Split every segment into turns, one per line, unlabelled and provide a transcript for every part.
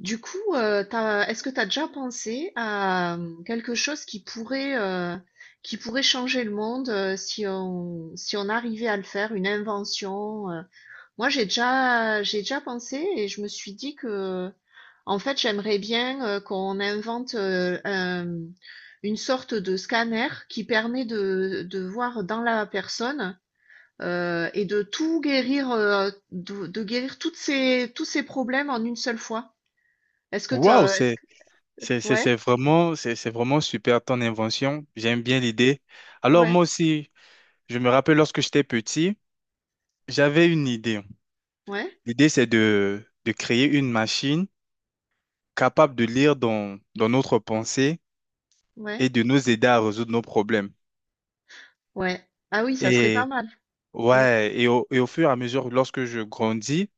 Du coup, est-ce que tu as déjà pensé à quelque chose qui pourrait changer le monde si on, si on arrivait à le faire, une invention? Moi, j'ai déjà pensé et je me suis dit que, en fait, j'aimerais bien qu'on invente une sorte de scanner qui permet de voir dans la personne et de tout guérir, de guérir tous ces problèmes en une seule fois. Est-ce que tu
Waouh,
est-ce
c'est
que
c'est c'est
Ouais,
c'est vraiment c'est vraiment super ton invention. J'aime bien l'idée. Alors
ouais,
moi aussi, je me rappelle lorsque j'étais petit, j'avais une idée.
ouais,
L'idée c'est de créer une machine capable de lire dans notre pensée
ouais,
et de nous aider à résoudre nos problèmes.
ouais. Ah oui, ça serait pas
Et
mal. Mm,
ouais, et au fur et à mesure, lorsque je grandis,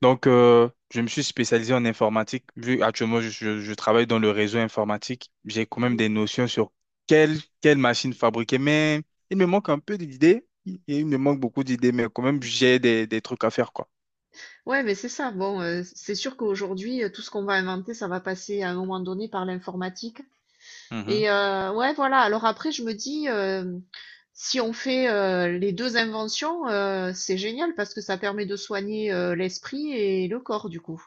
donc je me suis spécialisé en informatique. Vu actuellement, je travaille dans le réseau informatique, j'ai quand même
mm.
des notions sur quelle, quelle machine fabriquer, mais il me manque un peu d'idées, il me manque beaucoup d'idées, mais quand même, j'ai des trucs à faire, quoi.
Ouais, mais c'est ça. Bon, c'est sûr qu'aujourd'hui, tout ce qu'on va inventer, ça va passer à un moment donné par l'informatique.
Mhm.
Et ouais, voilà. Alors après, je me dis, si on fait les deux inventions, c'est génial parce que ça permet de soigner l'esprit et le corps, du coup.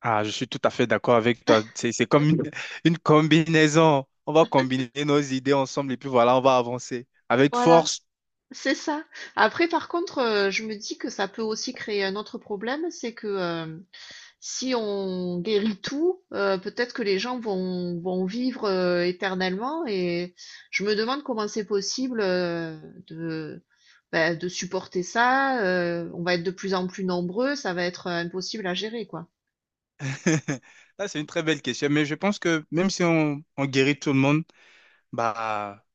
Ah, je suis tout à fait d'accord avec toi. C'est comme une, une combinaison. On va combiner nos idées ensemble et puis voilà, on va avancer avec
Voilà,
force.
c'est ça. Après, par contre, je me dis que ça peut aussi créer un autre problème, c'est que si on guérit tout, peut-être que les gens vont vivre éternellement et je me demande comment c'est possible de, ben, de supporter ça. On va être de plus en plus nombreux, ça va être impossible à gérer, quoi.
Là, c'est une très belle question, mais je pense que même si on, on guérit tout le monde, bah,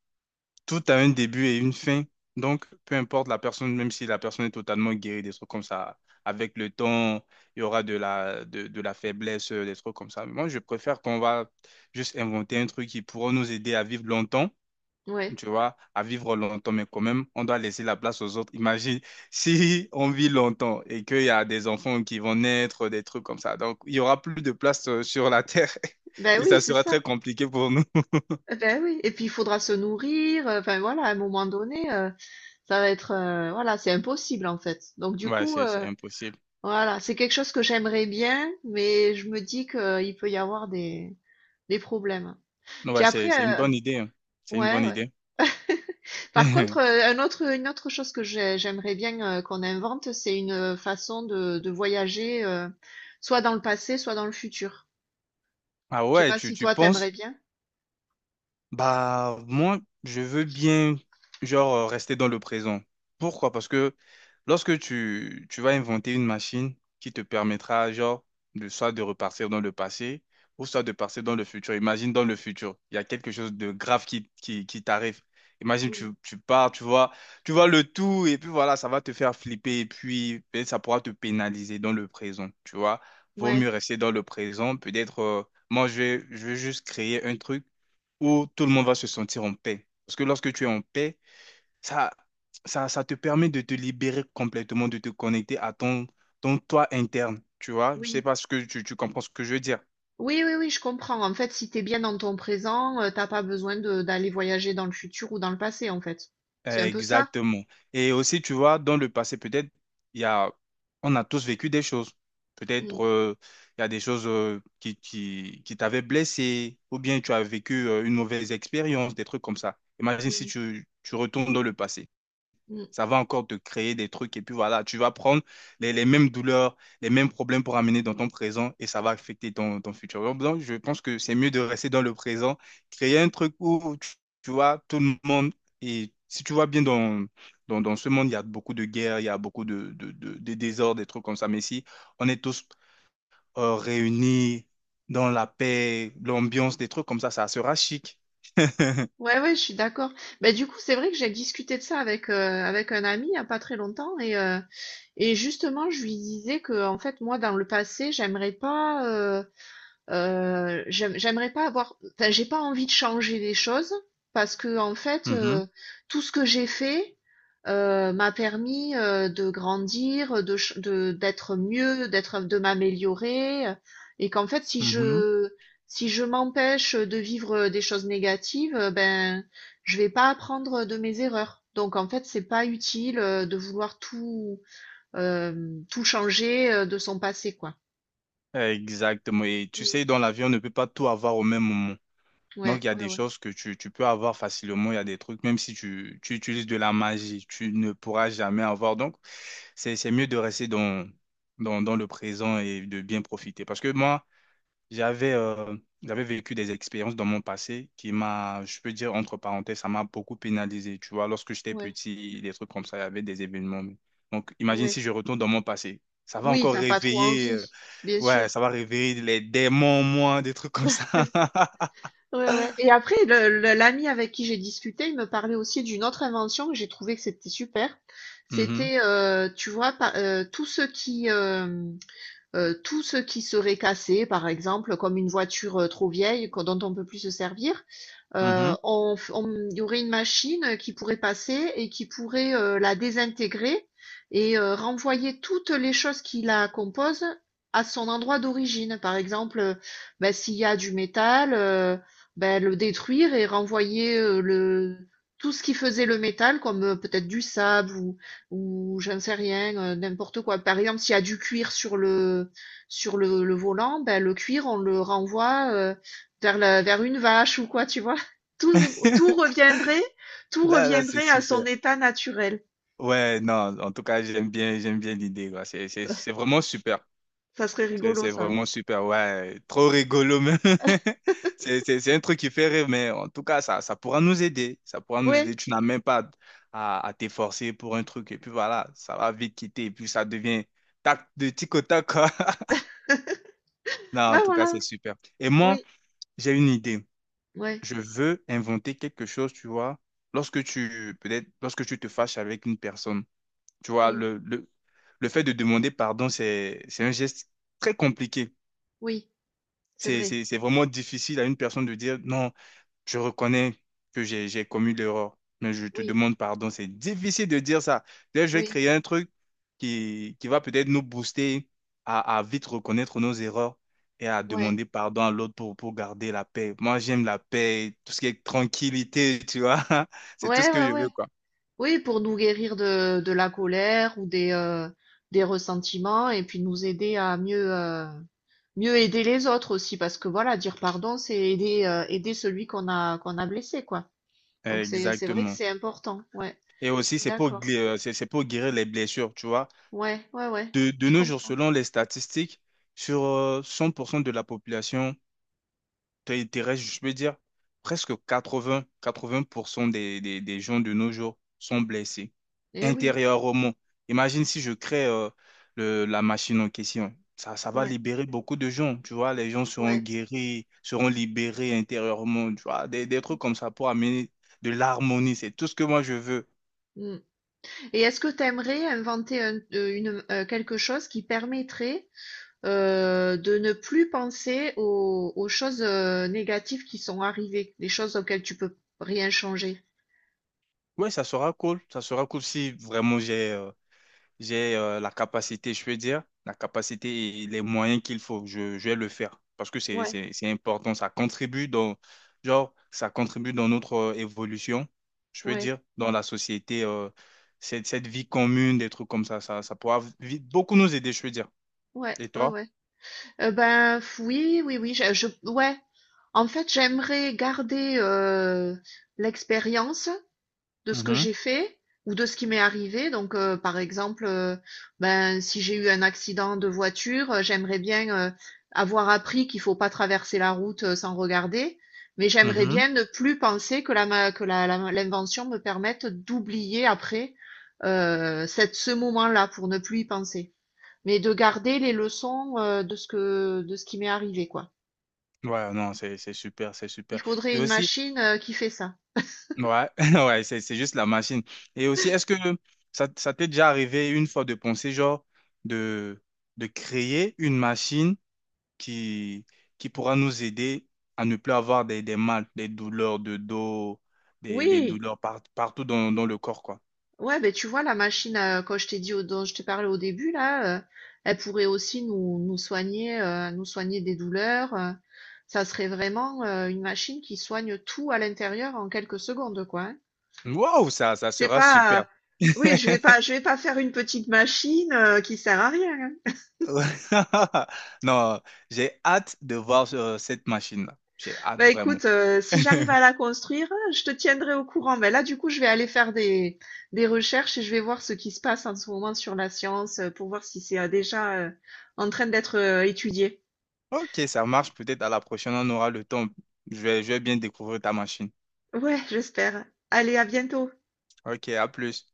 tout a un début et une fin. Donc, peu importe la personne, même si la personne est totalement guérie, des trucs comme ça, avec le temps, il y aura de la faiblesse, des trucs comme ça. Mais moi, je préfère qu'on va juste inventer un truc qui pourra nous aider à vivre longtemps,
Ouais.
tu vois, à vivre longtemps, mais quand même, on doit laisser la place aux autres. Imagine si on vit longtemps et qu'il y a des enfants qui vont naître, des trucs comme ça. Donc, il y aura plus de place sur la Terre
Ben
et
oui,
ça
c'est
sera
ça.
très compliqué pour nous.
Ben oui. Et puis il faudra se nourrir. Enfin voilà, à un moment donné, ça va être, voilà, c'est impossible en fait. Donc du
Ouais,
coup,
c'est impossible.
voilà, c'est quelque chose que j'aimerais bien, mais je me dis qu'il peut y avoir des problèmes.
Non,
Puis
ouais,
après,
c'est une bonne idée, hein. C'est une bonne
ouais, ouais.
idée.
Par contre, un autre une autre chose que j'aimerais bien, qu'on invente, c'est une, façon de voyager, soit dans le passé, soit dans le futur.
Ah
Je sais
ouais,
pas
tu,
si
tu
toi, t'aimerais
penses?
bien?
Bah, moi, je veux bien, genre, rester dans le présent. Pourquoi? Parce que lorsque tu, tu vas inventer une machine qui te permettra, genre, de, soit de repartir dans le passé ou soit de partir dans le futur. Imagine dans le futur, il y a quelque chose de grave qui t'arrive. Imagine,
Mmh.
tu pars, tu vois le tout et puis voilà, ça va te faire flipper et puis ben ça pourra te pénaliser dans le présent, tu vois. Vaut
Ouais,
mieux rester dans le présent. Peut-être, moi, je vais juste créer un truc où tout le monde va se sentir en paix. Parce que lorsque tu es en paix, ça, ça te permet de te libérer complètement, de te connecter à ton, ton toi interne. Tu vois, je sais
oui.
pas ce que tu comprends ce que je veux dire.
Oui, oui, oui, je comprends. En fait, si t'es bien dans ton présent, tu pas besoin de d'aller voyager dans le futur ou dans le passé, en fait. C'est un peu ça?
Exactement. Et aussi, tu vois, dans le passé, peut-être, il y a, on a tous vécu des choses.
Mmh.
Peut-être, il y a des choses qui t'avaient blessé, ou bien tu as vécu une mauvaise expérience, des trucs comme ça. Imagine
Mmh
si
mh.
tu, tu retournes dans le passé.
Mmh.
Ça va encore te créer des trucs et puis voilà, tu vas prendre les mêmes douleurs, les mêmes problèmes pour amener dans ton présent et ça va affecter ton, ton futur. Donc, je pense que c'est mieux de rester dans le présent, créer un truc où tu vois tout le monde et si tu vois bien dans, dans, dans ce monde, il y a beaucoup de guerres, il y a beaucoup de désordres, des trucs comme ça. Mais si on est tous réunis dans la paix, l'ambiance, des trucs comme ça sera chic.
Ouais, ouais, je suis d'accord. Ben du coup, c'est vrai que j'ai discuté de ça avec, avec un ami il y a pas très longtemps et et justement, je lui disais que, en fait, moi, dans le passé, j'aimerais pas avoir, enfin, j'ai pas envie de changer les choses parce que, en fait,
Mhm,
tout ce que j'ai fait m'a permis de grandir, d'être mieux, d'être, de m'améliorer, et qu'en fait,
mhm.
si je m'empêche de vivre des choses négatives, ben, je vais pas apprendre de mes erreurs. Donc, en fait, c'est pas utile de vouloir tout changer, de son passé, quoi.
Exactement. Et tu
Mmh.
sais, dans la vie, on ne peut pas tout avoir au même moment. Donc,
Ouais,
il y a
ouais,
des
ouais,
choses que tu peux avoir facilement. Il y a des trucs, même si tu, tu utilises de la magie, tu ne pourras jamais avoir. Donc, c'est mieux de rester dans, dans, dans le présent et de bien profiter. Parce que moi, j'avais euh, j'avais vécu des expériences dans mon passé qui m'a, je peux dire, entre parenthèses, ça m'a beaucoup pénalisé. Tu vois, lorsque j'étais
ouais,
petit, des trucs comme ça, il y avait des événements. Donc, imagine
ouais.
si je retourne dans mon passé. Ça va
Oui,
encore
t'as pas trop
réveiller.
envie, bien sûr.
Ouais, ça va réveiller les démons, moi, des trucs comme ça.
Ouais, ouais et après le l'ami avec qui j'ai discuté, il me parlait aussi d'une autre invention que j'ai trouvé que c'était super.
Mhm,
C'était, tu vois, pa tous ceux qui, euh, tout ce qui serait cassé, par exemple, comme une voiture trop vieille dont on ne peut plus se servir,
mhm.
il y aurait une machine qui pourrait passer et qui pourrait la désintégrer et renvoyer toutes les choses qui la composent à son endroit d'origine. Par exemple, ben, s'il y a du métal, ben, le détruire et renvoyer tout ce qui faisait le métal, comme peut-être du sable ou j'en sais rien, n'importe quoi. Par exemple, s'il y a du cuir sur le volant, ben, le cuir, on le renvoie vers une vache ou quoi, tu vois. Tout, tout reviendrait, tout
Là, là, c'est
reviendrait à son
super.
état naturel.
Ouais, non, en tout cas, j'aime bien l'idée, quoi.
Ça,
C'est vraiment super.
ça serait rigolo,
C'est
ça.
vraiment super, ouais. Trop rigolo, même. C'est un truc qui fait rire, mais en tout cas, ça pourra nous aider. Ça pourra nous
Oui.
aider. Tu n'as même pas à, à t'efforcer pour un truc. Et puis voilà, ça va vite quitter. Et puis ça devient tac, de tic au tac, quoi. Non, en
Ouais,
tout cas,
voilà.
c'est super. Et moi,
Oui.
j'ai une idée.
Ouais.
Je veux inventer quelque chose, tu vois. Lorsque tu, peut-être, lorsque tu te fâches avec une personne, tu vois,
Mm.
le fait de demander pardon, c'est un geste très compliqué.
Oui. C'est vrai.
C'est vraiment difficile à une personne de dire non. Je reconnais que j'ai commis l'erreur, mais je te
Oui.
demande pardon. C'est difficile de dire ça. Là, je vais
Oui.
créer un truc qui va peut-être nous booster à vite reconnaître nos erreurs et à
Ouais.
demander pardon à l'autre pour garder la paix. Moi, j'aime la paix, tout ce qui est tranquillité, tu vois. C'est tout ce
Ouais,
que
ouais,
je veux,
ouais.
quoi.
Oui, pour nous guérir de la colère ou des ressentiments et puis nous aider à mieux, mieux aider les autres aussi parce que voilà, dire pardon, c'est aider, aider celui qu'on a blessé, quoi. Donc c'est vrai que
Exactement.
c'est important, ouais.
Et
Je
aussi,
suis
c'est pour,
d'accord.
c'est pour guérir les blessures, tu vois.
Ouais, ouais, ouais,
De
je
nos jours,
comprends.
selon les statistiques, sur 100% de la population, t'es restes, je peux dire, presque 80, 80% des gens de nos jours sont blessés
Eh oui,
intérieurement. Imagine si je crée le, la machine en question. Ça va
ouais,
libérer beaucoup de gens, tu vois. Les gens seront
ouais.
guéris, seront libérés intérieurement, tu vois. Des trucs comme ça pour amener de l'harmonie, c'est tout ce que moi je veux.
Mm. Et est-ce que tu aimerais inventer une, quelque chose qui permettrait de ne plus penser aux choses négatives qui sont arrivées, les choses auxquelles tu peux rien changer?
Ouais, ça sera cool. Ça sera cool si vraiment j'ai la capacité, je peux dire, la capacité et les moyens qu'il faut. Je vais le faire parce que
Ouais,
c'est important. Ça contribue dans, genre, ça contribue dans notre évolution, je peux
ouais,
dire, dans la société, cette, cette vie commune, des trucs comme ça pourra beaucoup nous aider, je peux dire.
ouais,
Et
ouais,
toi?
ouais. Ben, f oui, oui, oui, je ouais. En fait, j'aimerais garder, l'expérience de ce que
Mhm,
j'ai fait ou de ce qui m'est arrivé. Donc, par exemple, ben, si j'ai eu un accident de voiture, j'aimerais bien, avoir appris qu'il faut pas traverser la route, sans regarder. Mais j'aimerais
mhm.
bien ne plus penser que la ma que la la l'invention me permette d'oublier après, cette ce moment-là pour ne plus y penser. Mais de garder les leçons, de ce qui m'est arrivé, quoi.
Ouais, non, c'est super, c'est
Il
super.
faudrait
Et
une
aussi,
machine, qui fait ça.
ouais, ouais, c'est juste la machine. Et aussi, est-ce que ça t'est déjà arrivé une fois de penser, genre, de, de créer une machine qui, qui pourra nous aider à ne plus avoir des mal, des douleurs de dos, des
Oui,
douleurs partout dans, dans le corps, quoi.
ouais, ben tu vois la machine, quand je t'ai dit au dont je t'ai parlé au début là, elle pourrait aussi nous soigner des douleurs, ça serait vraiment, une machine qui soigne tout à l'intérieur en quelques secondes, quoi, hein.
Waouh, ça
C'est
sera super.
pas, oui, je vais pas faire une petite machine, qui sert à rien, hein.
Ouais. Non, j'ai hâte de voir cette machine-là. J'ai hâte
Bah
vraiment.
écoute, si j'arrive à la construire, je te tiendrai au courant. Mais là, du coup, je vais aller faire des recherches et je vais voir ce qui se passe en ce moment sur la science pour voir si c'est déjà en train d'être étudié.
Ok, ça marche. Peut-être à la prochaine, on aura le temps. Je vais bien découvrir ta machine.
Ouais, j'espère. Allez, à bientôt.
Ok, à plus.